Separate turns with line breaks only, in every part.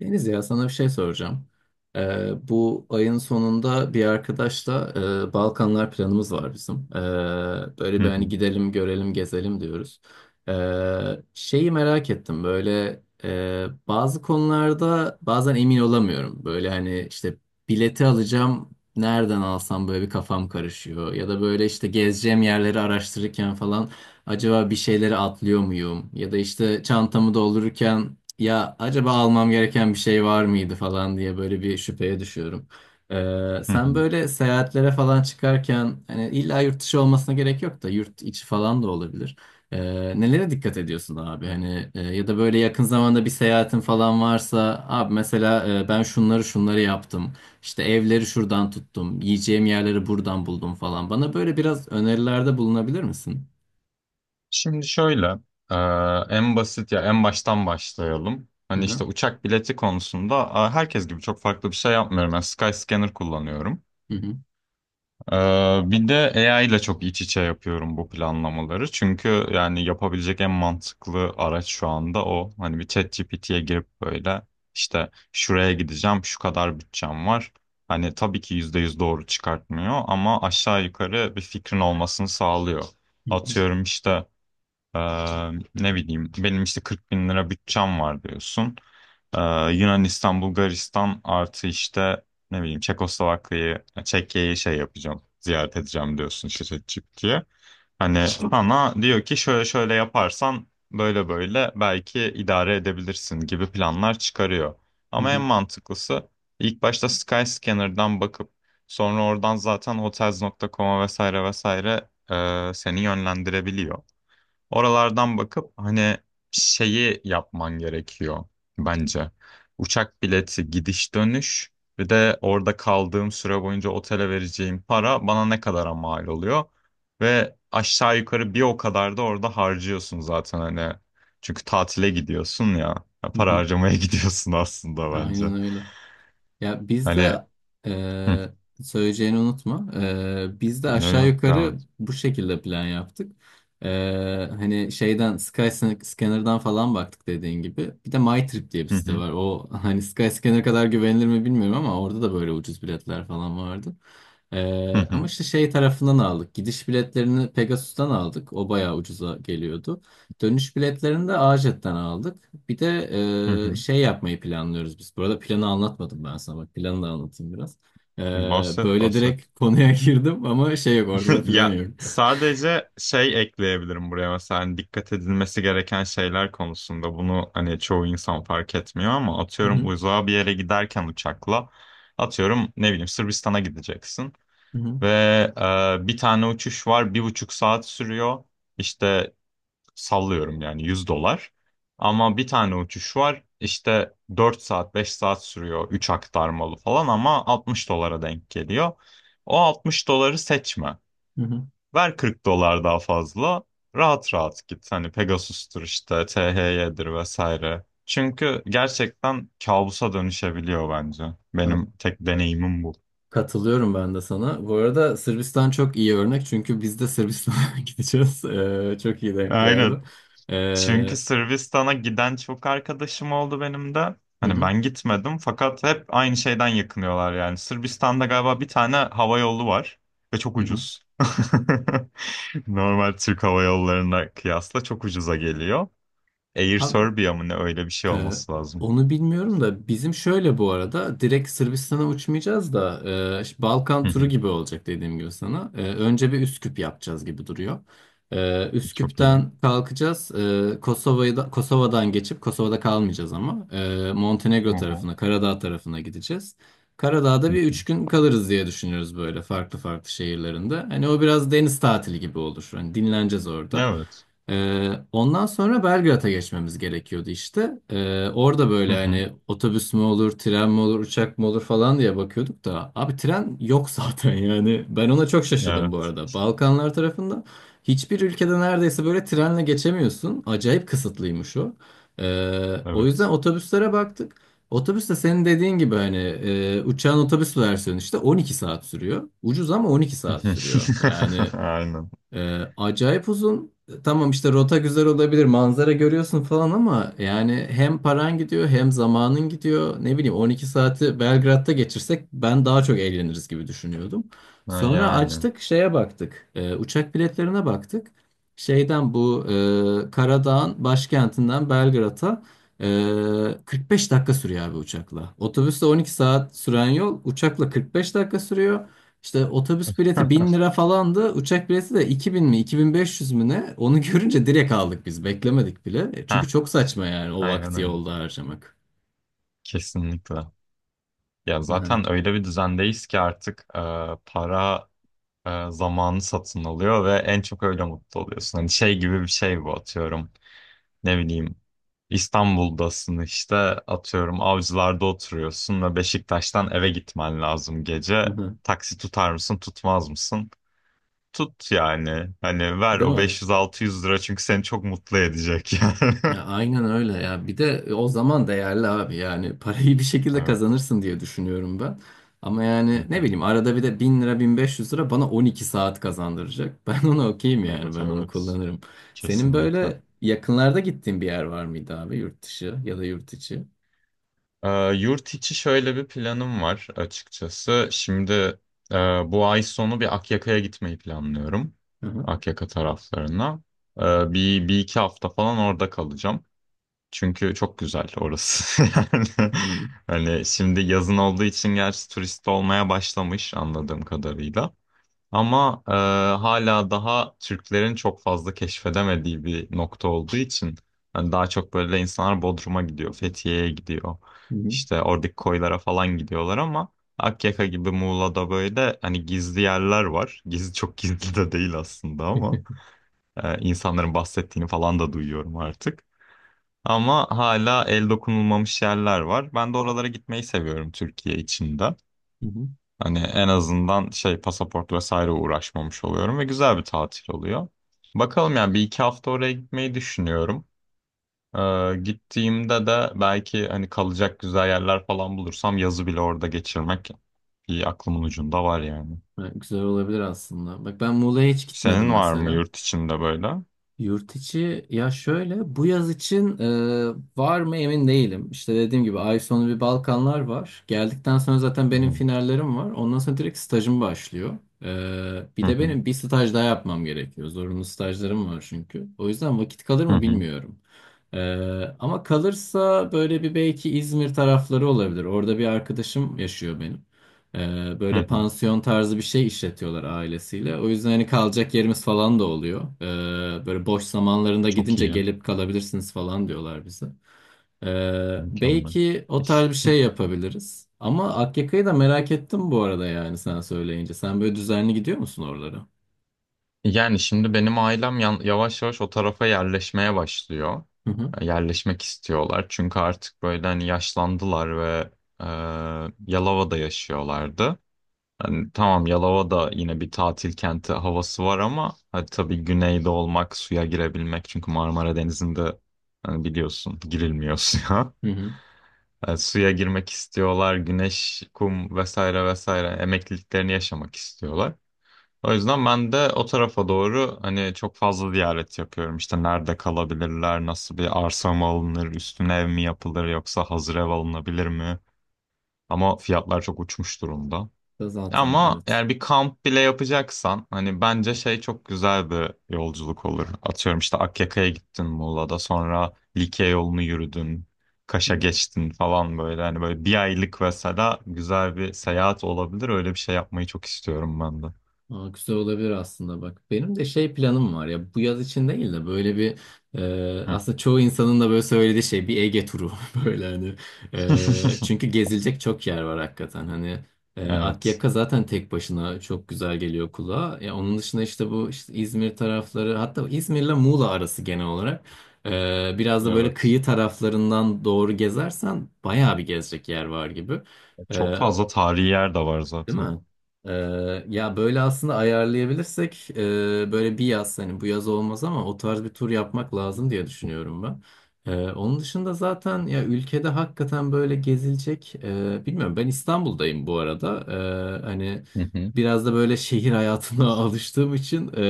Deniz ya sana bir şey soracağım. Bu ayın sonunda bir arkadaşla Balkanlar planımız var bizim. Böyle
Hı
bir hani
hı,
gidelim, görelim, gezelim diyoruz. Şeyi merak ettim böyle bazı konularda bazen emin olamıyorum. Böyle hani işte bileti alacağım nereden alsam böyle bir kafam karışıyor. Ya da böyle işte gezeceğim yerleri araştırırken falan acaba bir şeyleri atlıyor muyum? Ya da işte çantamı doldururken ya acaba almam gereken bir şey var mıydı falan diye böyle bir şüpheye düşüyorum.
hı hı.
Sen böyle seyahatlere falan çıkarken hani illa yurt dışı olmasına gerek yok da yurt içi falan da olabilir. Nelere dikkat ediyorsun abi? Hani ya da böyle yakın zamanda bir seyahatin falan varsa abi mesela ben şunları şunları yaptım. İşte evleri şuradan tuttum. Yiyeceğim yerleri buradan buldum falan. Bana böyle biraz önerilerde bulunabilir misin?
Şimdi şöyle, e, en basit ya en baştan başlayalım.
Hı
Hani işte
hı.
uçak bileti konusunda herkes gibi çok farklı bir şey yapmıyorum. Ben Skyscanner kullanıyorum.
Hı hı.
E, bir de AI ile çok iç içe yapıyorum bu planlamaları. Çünkü yani yapabilecek en mantıklı araç şu anda o. Hani bir ChatGPT'ye girip böyle işte şuraya gideceğim, şu kadar bütçem var. Hani tabii ki %100 doğru çıkartmıyor ama aşağı yukarı bir fikrin olmasını sağlıyor.
Hı hı.
Atıyorum işte. Ee, ne bileyim benim işte 40 bin lira bütçem var diyorsun. Ee, Yunanistan, Bulgaristan artı işte ne bileyim Çekoslovakya'yı, Çekya'yı şey yapacağım, ziyaret edeceğim diyorsun işte diye. Hani sana diyor ki şöyle şöyle yaparsan böyle böyle belki idare edebilirsin gibi planlar çıkarıyor.
Hı
Ama en
hı.
mantıklısı ilk başta Skyscanner'dan bakıp sonra oradan zaten hotels.com'a vesaire vesaire seni yönlendirebiliyor. Oralardan bakıp hani şeyi yapman gerekiyor bence. Uçak bileti gidiş dönüş bir de orada kaldığım süre boyunca otele vereceğim para bana ne kadara mal oluyor. Ve aşağı yukarı bir o kadar da orada harcıyorsun zaten hani. Çünkü tatile gidiyorsun ya. Ya
Hı
para
hı.
harcamaya gidiyorsun aslında bence.
Aynen öyle. Ya
Hani
bizde
hı,
eee söyleyeceğini unutma. Biz de
ne
aşağı
yok devam
yukarı
et.
bu şekilde plan yaptık. Hani şeyden Skyscanner'dan falan baktık dediğin gibi. Bir de MyTrip diye bir
Hı
site
hı,
var. O hani Skyscanner kadar güvenilir mi bilmiyorum ama orada da böyle ucuz biletler falan vardı.
hı hı,
Ama işte şey tarafından aldık. Gidiş biletlerini Pegasus'tan aldık. O bayağı ucuza geliyordu. Dönüş biletlerini de AJet'ten aldık. Bir de
hı hı.
şey yapmayı planlıyoruz biz. Bu arada planı anlatmadım ben sana. Bak planı da anlatayım biraz. E,
Bahset
Böyle
bahset.
direkt konuya girdim ama şey yok ortada plan
Ya
yok.
sadece şey ekleyebilirim buraya mesela hani dikkat edilmesi gereken şeyler konusunda bunu hani çoğu insan fark etmiyor ama
Hı
atıyorum
hı,
uzağa bir yere giderken uçakla atıyorum ne bileyim Sırbistan'a gideceksin
hı hı,
ve bir tane uçuş var 1,5 saat sürüyor işte sallıyorum yani 100 dolar ama bir tane uçuş var işte 4 saat 5 saat sürüyor 3 aktarmalı falan ama 60 dolara denk geliyor. O 60 doları seçme.
hı hı.
Ver 40 dolar daha fazla. Rahat rahat git. Hani Pegasus'tur işte, THY'dir vesaire. Çünkü gerçekten kabusa dönüşebiliyor bence.
Ha,
Benim tek deneyimim bu.
katılıyorum ben de sana. Bu arada Sırbistan çok iyi örnek çünkü biz de Sırbistan'a gideceğiz. Çok iyi denk
Aynen.
geldi.
Çünkü
E,
Sırbistan'a giden çok arkadaşım oldu benim de.
hı
Hani
hı,
ben gitmedim fakat hep aynı şeyden yakınıyorlar yani. Sırbistan'da galiba bir tane hava yolu var ve çok
hı hı.
ucuz. Normal Türk hava yollarına kıyasla çok ucuza geliyor. Air
Abi,
Serbia mı ne öyle bir şey
Ee,
olması lazım.
onu bilmiyorum da bizim şöyle bu arada direkt Sırbistan'a uçmayacağız da işte Balkan
Hı
turu
hı.
gibi olacak dediğim gibi sana. Önce bir Üsküp yapacağız gibi duruyor.
Çok iyi. Hı
Üsküp'ten kalkacağız. Kosova'yı da, Kosova'dan geçip Kosova'da kalmayacağız ama Montenegro
hı.
tarafına, Karadağ tarafına gideceğiz. Karadağ'da
Hı
bir
hı.
3 gün kalırız diye düşünüyoruz böyle farklı farklı şehirlerinde. Hani o biraz deniz tatili gibi olur. Hani dinleneceğiz orada.
Evet.
Ondan sonra Belgrad'a geçmemiz gerekiyordu işte. Orada
Hı
böyle
hı.
hani otobüs mü olur, tren mi olur, uçak mı olur falan diye bakıyorduk da abi tren yok zaten yani. Ben ona çok şaşırdım bu
Evet.
arada. Balkanlar tarafında hiçbir ülkede neredeyse böyle trenle geçemiyorsun. Acayip kısıtlıymış o. O yüzden
Evet.
otobüslere baktık. Otobüs de senin dediğin gibi hani uçağın otobüs versiyonu işte 12 saat sürüyor. Ucuz ama 12 saat sürüyor. Yani
Aynen.
acayip uzun. Tamam işte rota güzel olabilir, manzara görüyorsun falan ama yani hem paran gidiyor hem zamanın gidiyor. Ne bileyim 12 saati Belgrad'da geçirsek ben daha çok eğleniriz gibi düşünüyordum.
Ha,
Sonra
yani.
açtık şeye baktık. Uçak biletlerine baktık. Şeyden bu Karadağ'ın başkentinden Belgrad'a 45 dakika sürüyor abi uçakla. Otobüsle 12 saat süren yol uçakla 45 dakika sürüyor. İşte otobüs bileti 1.000 lira falandı. Uçak bileti de 2.000 mi 2.500 mü ne? Onu görünce direkt aldık biz. Beklemedik bile. Çünkü
Ha,
çok saçma yani o
aynen
vakti
öyle.
yolda harcamak.
Kesinlikle. Ya
Yani.
zaten öyle bir düzendeyiz ki artık para zamanı satın alıyor ve en çok öyle mutlu oluyorsun. Hani şey gibi bir şey bu atıyorum. Ne bileyim İstanbul'dasın işte atıyorum Avcılar'da oturuyorsun ve Beşiktaş'tan eve gitmen lazım
Hı
gece.
hı.
Taksi tutar mısın tutmaz mısın? Tut yani. Hani ver
Değil
o
mi?
500-600 lira çünkü seni çok mutlu edecek yani.
Ya aynen öyle ya. Bir de o zaman değerli abi yani parayı bir şekilde
Evet.
kazanırsın diye düşünüyorum ben. Ama
Hı
yani ne
hı.
bileyim arada bir de 1.000 lira 1.500 lira bana 12 saat kazandıracak. Ben ona okeyim yani
Evet
ben onu
evet.
kullanırım. Senin
Kesinlikle.
böyle yakınlarda gittiğin bir yer var mıydı abi yurt dışı ya da yurt içi?
Ee, yurt içi şöyle bir planım var açıkçası. Şimdi e, bu ay sonu bir Akyaka'ya gitmeyi planlıyorum. Akyaka taraflarına. Ee, bir iki hafta falan orada kalacağım. Çünkü çok güzel orası. Yani
Hı hı.
hani şimdi yazın olduğu için gerçi turist olmaya başlamış anladığım kadarıyla. Ama hala daha Türklerin çok fazla keşfedemediği bir nokta olduğu için yani daha çok böyle insanlar Bodrum'a gidiyor, Fethiye'ye gidiyor.
Hı
İşte oradaki koylara falan gidiyorlar ama Akyaka gibi Muğla'da böyle hani gizli yerler var. Gizli çok gizli de değil aslında ama insanların bahsettiğini falan da duyuyorum artık. Ama hala el dokunulmamış yerler var. Ben de oralara gitmeyi seviyorum Türkiye içinde.
hı.
Hani en azından şey pasaport vesaire uğraşmamış oluyorum ve güzel bir tatil oluyor. Bakalım yani bir iki hafta oraya gitmeyi düşünüyorum. Gittiğimde de belki hani kalacak güzel yerler falan bulursam yazı bile orada geçirmek bir aklımın ucunda var yani.
Evet, güzel olabilir aslında. Bak ben Muğla'ya hiç gitmedim
Senin var mı
mesela.
yurt içinde böyle? Hı
Yurt içi ya şöyle bu yaz için var mı emin değilim. İşte dediğim gibi ay sonu bir Balkanlar var. Geldikten sonra zaten benim
hı,
finallerim var. Ondan sonra direkt stajım başlıyor. Bir
hı
de
hı,
benim bir staj daha yapmam gerekiyor. Zorunlu stajlarım var çünkü. O yüzden vakit kalır
hı
mı
hı.
bilmiyorum. E, Ama kalırsa böyle bir belki İzmir tarafları olabilir. Orada bir arkadaşım yaşıyor benim.
Hı
Böyle
hı.
pansiyon tarzı bir şey işletiyorlar ailesiyle. O yüzden hani kalacak yerimiz falan da oluyor. Böyle boş zamanlarında
Çok
gidince
iyi.
gelip kalabilirsiniz falan diyorlar bize.
Mükemmel.
Belki o tarz bir şey yapabiliriz. Ama Akyaka'yı da merak ettim bu arada yani sen söyleyince. Sen böyle düzenli gidiyor musun oralara?
Yani şimdi benim ailem yavaş yavaş o tarafa yerleşmeye başlıyor.
Hı hı.
Yerleşmek istiyorlar. Çünkü artık böyle hani yaşlandılar ve e, Yalova'da yaşıyorlardı. Hani tamam Yalova'da yine bir tatil kenti havası var ama hadi tabii güneyde olmak, suya girebilmek. Çünkü Marmara Denizi'nde hani biliyorsun girilmiyor suya.
Hı hı.
Suya girmek istiyorlar, güneş, kum vesaire vesaire emekliliklerini yaşamak istiyorlar. O yüzden ben de o tarafa doğru hani çok fazla ziyaret yapıyorum. İşte nerede kalabilirler, nasıl bir arsa mı alınır, üstüne ev mi yapılır yoksa hazır ev alınabilir mi? Ama fiyatlar çok uçmuş durumda.
Da zaten
Ama
evet.
yani bir kamp bile yapacaksan hani bence şey çok güzel bir yolculuk olur. Atıyorum işte Akyaka'ya gittin Muğla'da sonra Likya yolunu yürüdün,
Hı
Kaş'a
hı.
geçtin falan böyle. Hani böyle bir aylık mesela güzel bir seyahat olabilir. Öyle bir şey yapmayı çok istiyorum ben de.
Aa, güzel olabilir aslında bak. Benim de şey planım var ya bu yaz için değil de böyle bir aslında çoğu insanın da böyle söylediği şey bir Ege turu böyle hani.
Hı.
Çünkü gezilecek çok yer var hakikaten hani.
Evet.
Akyaka zaten tek başına çok güzel geliyor kulağa. Ya onun dışında işte bu işte İzmir tarafları hatta İzmir'le Muğla arası genel olarak biraz da böyle
Evet.
kıyı taraflarından doğru gezersen bayağı bir gezecek yer var gibi. E,
Çok fazla tarihi yer de var
Değil
zaten.
mi? Ee, Ya böyle aslında ayarlayabilirsek böyle bir yaz hani bu yaz olmaz ama o tarz bir tur yapmak lazım diye düşünüyorum ben. Onun dışında zaten ya ülkede hakikaten böyle gezilecek bilmiyorum ben İstanbul'dayım bu arada. Hani
Hı hı.
biraz da böyle şehir hayatına alıştığım için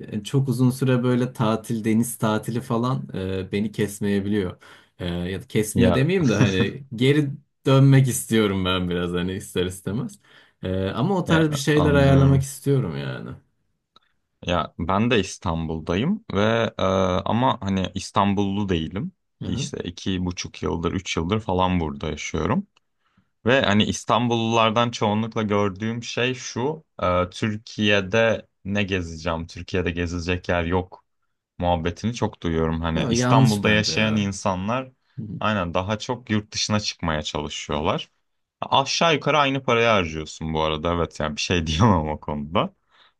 yani çok uzun süre böyle tatil deniz tatili falan beni kesmeyebiliyor. Ya da kesmiyor
Ya,
demeyeyim de hani geri dönmek istiyorum ben biraz hani ister istemez. Ama o
ya
tarz bir şeyler ayarlamak
anlıyorum.
istiyorum yani.
Ya ben de İstanbul'dayım ve e, ama hani İstanbullu değilim.
Hı hı.
İşte 2,5 yıldır, 3 yıldır falan burada yaşıyorum. Ve hani İstanbullulardan çoğunlukla gördüğüm şey şu. Türkiye'de ne gezeceğim? Türkiye'de gezilecek yer yok muhabbetini çok duyuyorum. Hani
Yo, yanlış
İstanbul'da
bence
yaşayan
ya.
insanlar
Hı hı.
aynen daha çok yurt dışına çıkmaya çalışıyorlar. Aşağı yukarı aynı parayı harcıyorsun bu arada. Evet yani bir şey diyemem o konuda.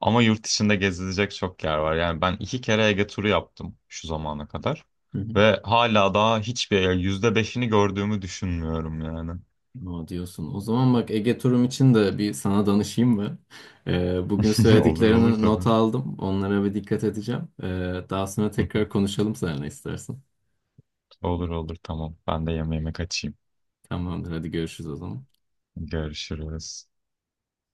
Ama yurt dışında gezilecek çok yer var. Yani ben iki kere Ege turu yaptım şu zamana kadar.
Hı hı.
Ve hala daha hiçbir yani %5'ini gördüğümü düşünmüyorum yani.
Aa, diyorsun. O zaman bak Ege turum için de bir sana danışayım mı? Bugün
Olur olur
söylediklerini
tabii.
not aldım. Onlara bir dikkat edeceğim. Daha sonra tekrar konuşalım seninle istersen.
Olur olur tamam. Ben de yemeğime kaçayım.
Tamamdır. Hadi görüşürüz o zaman.
Görüşürüz.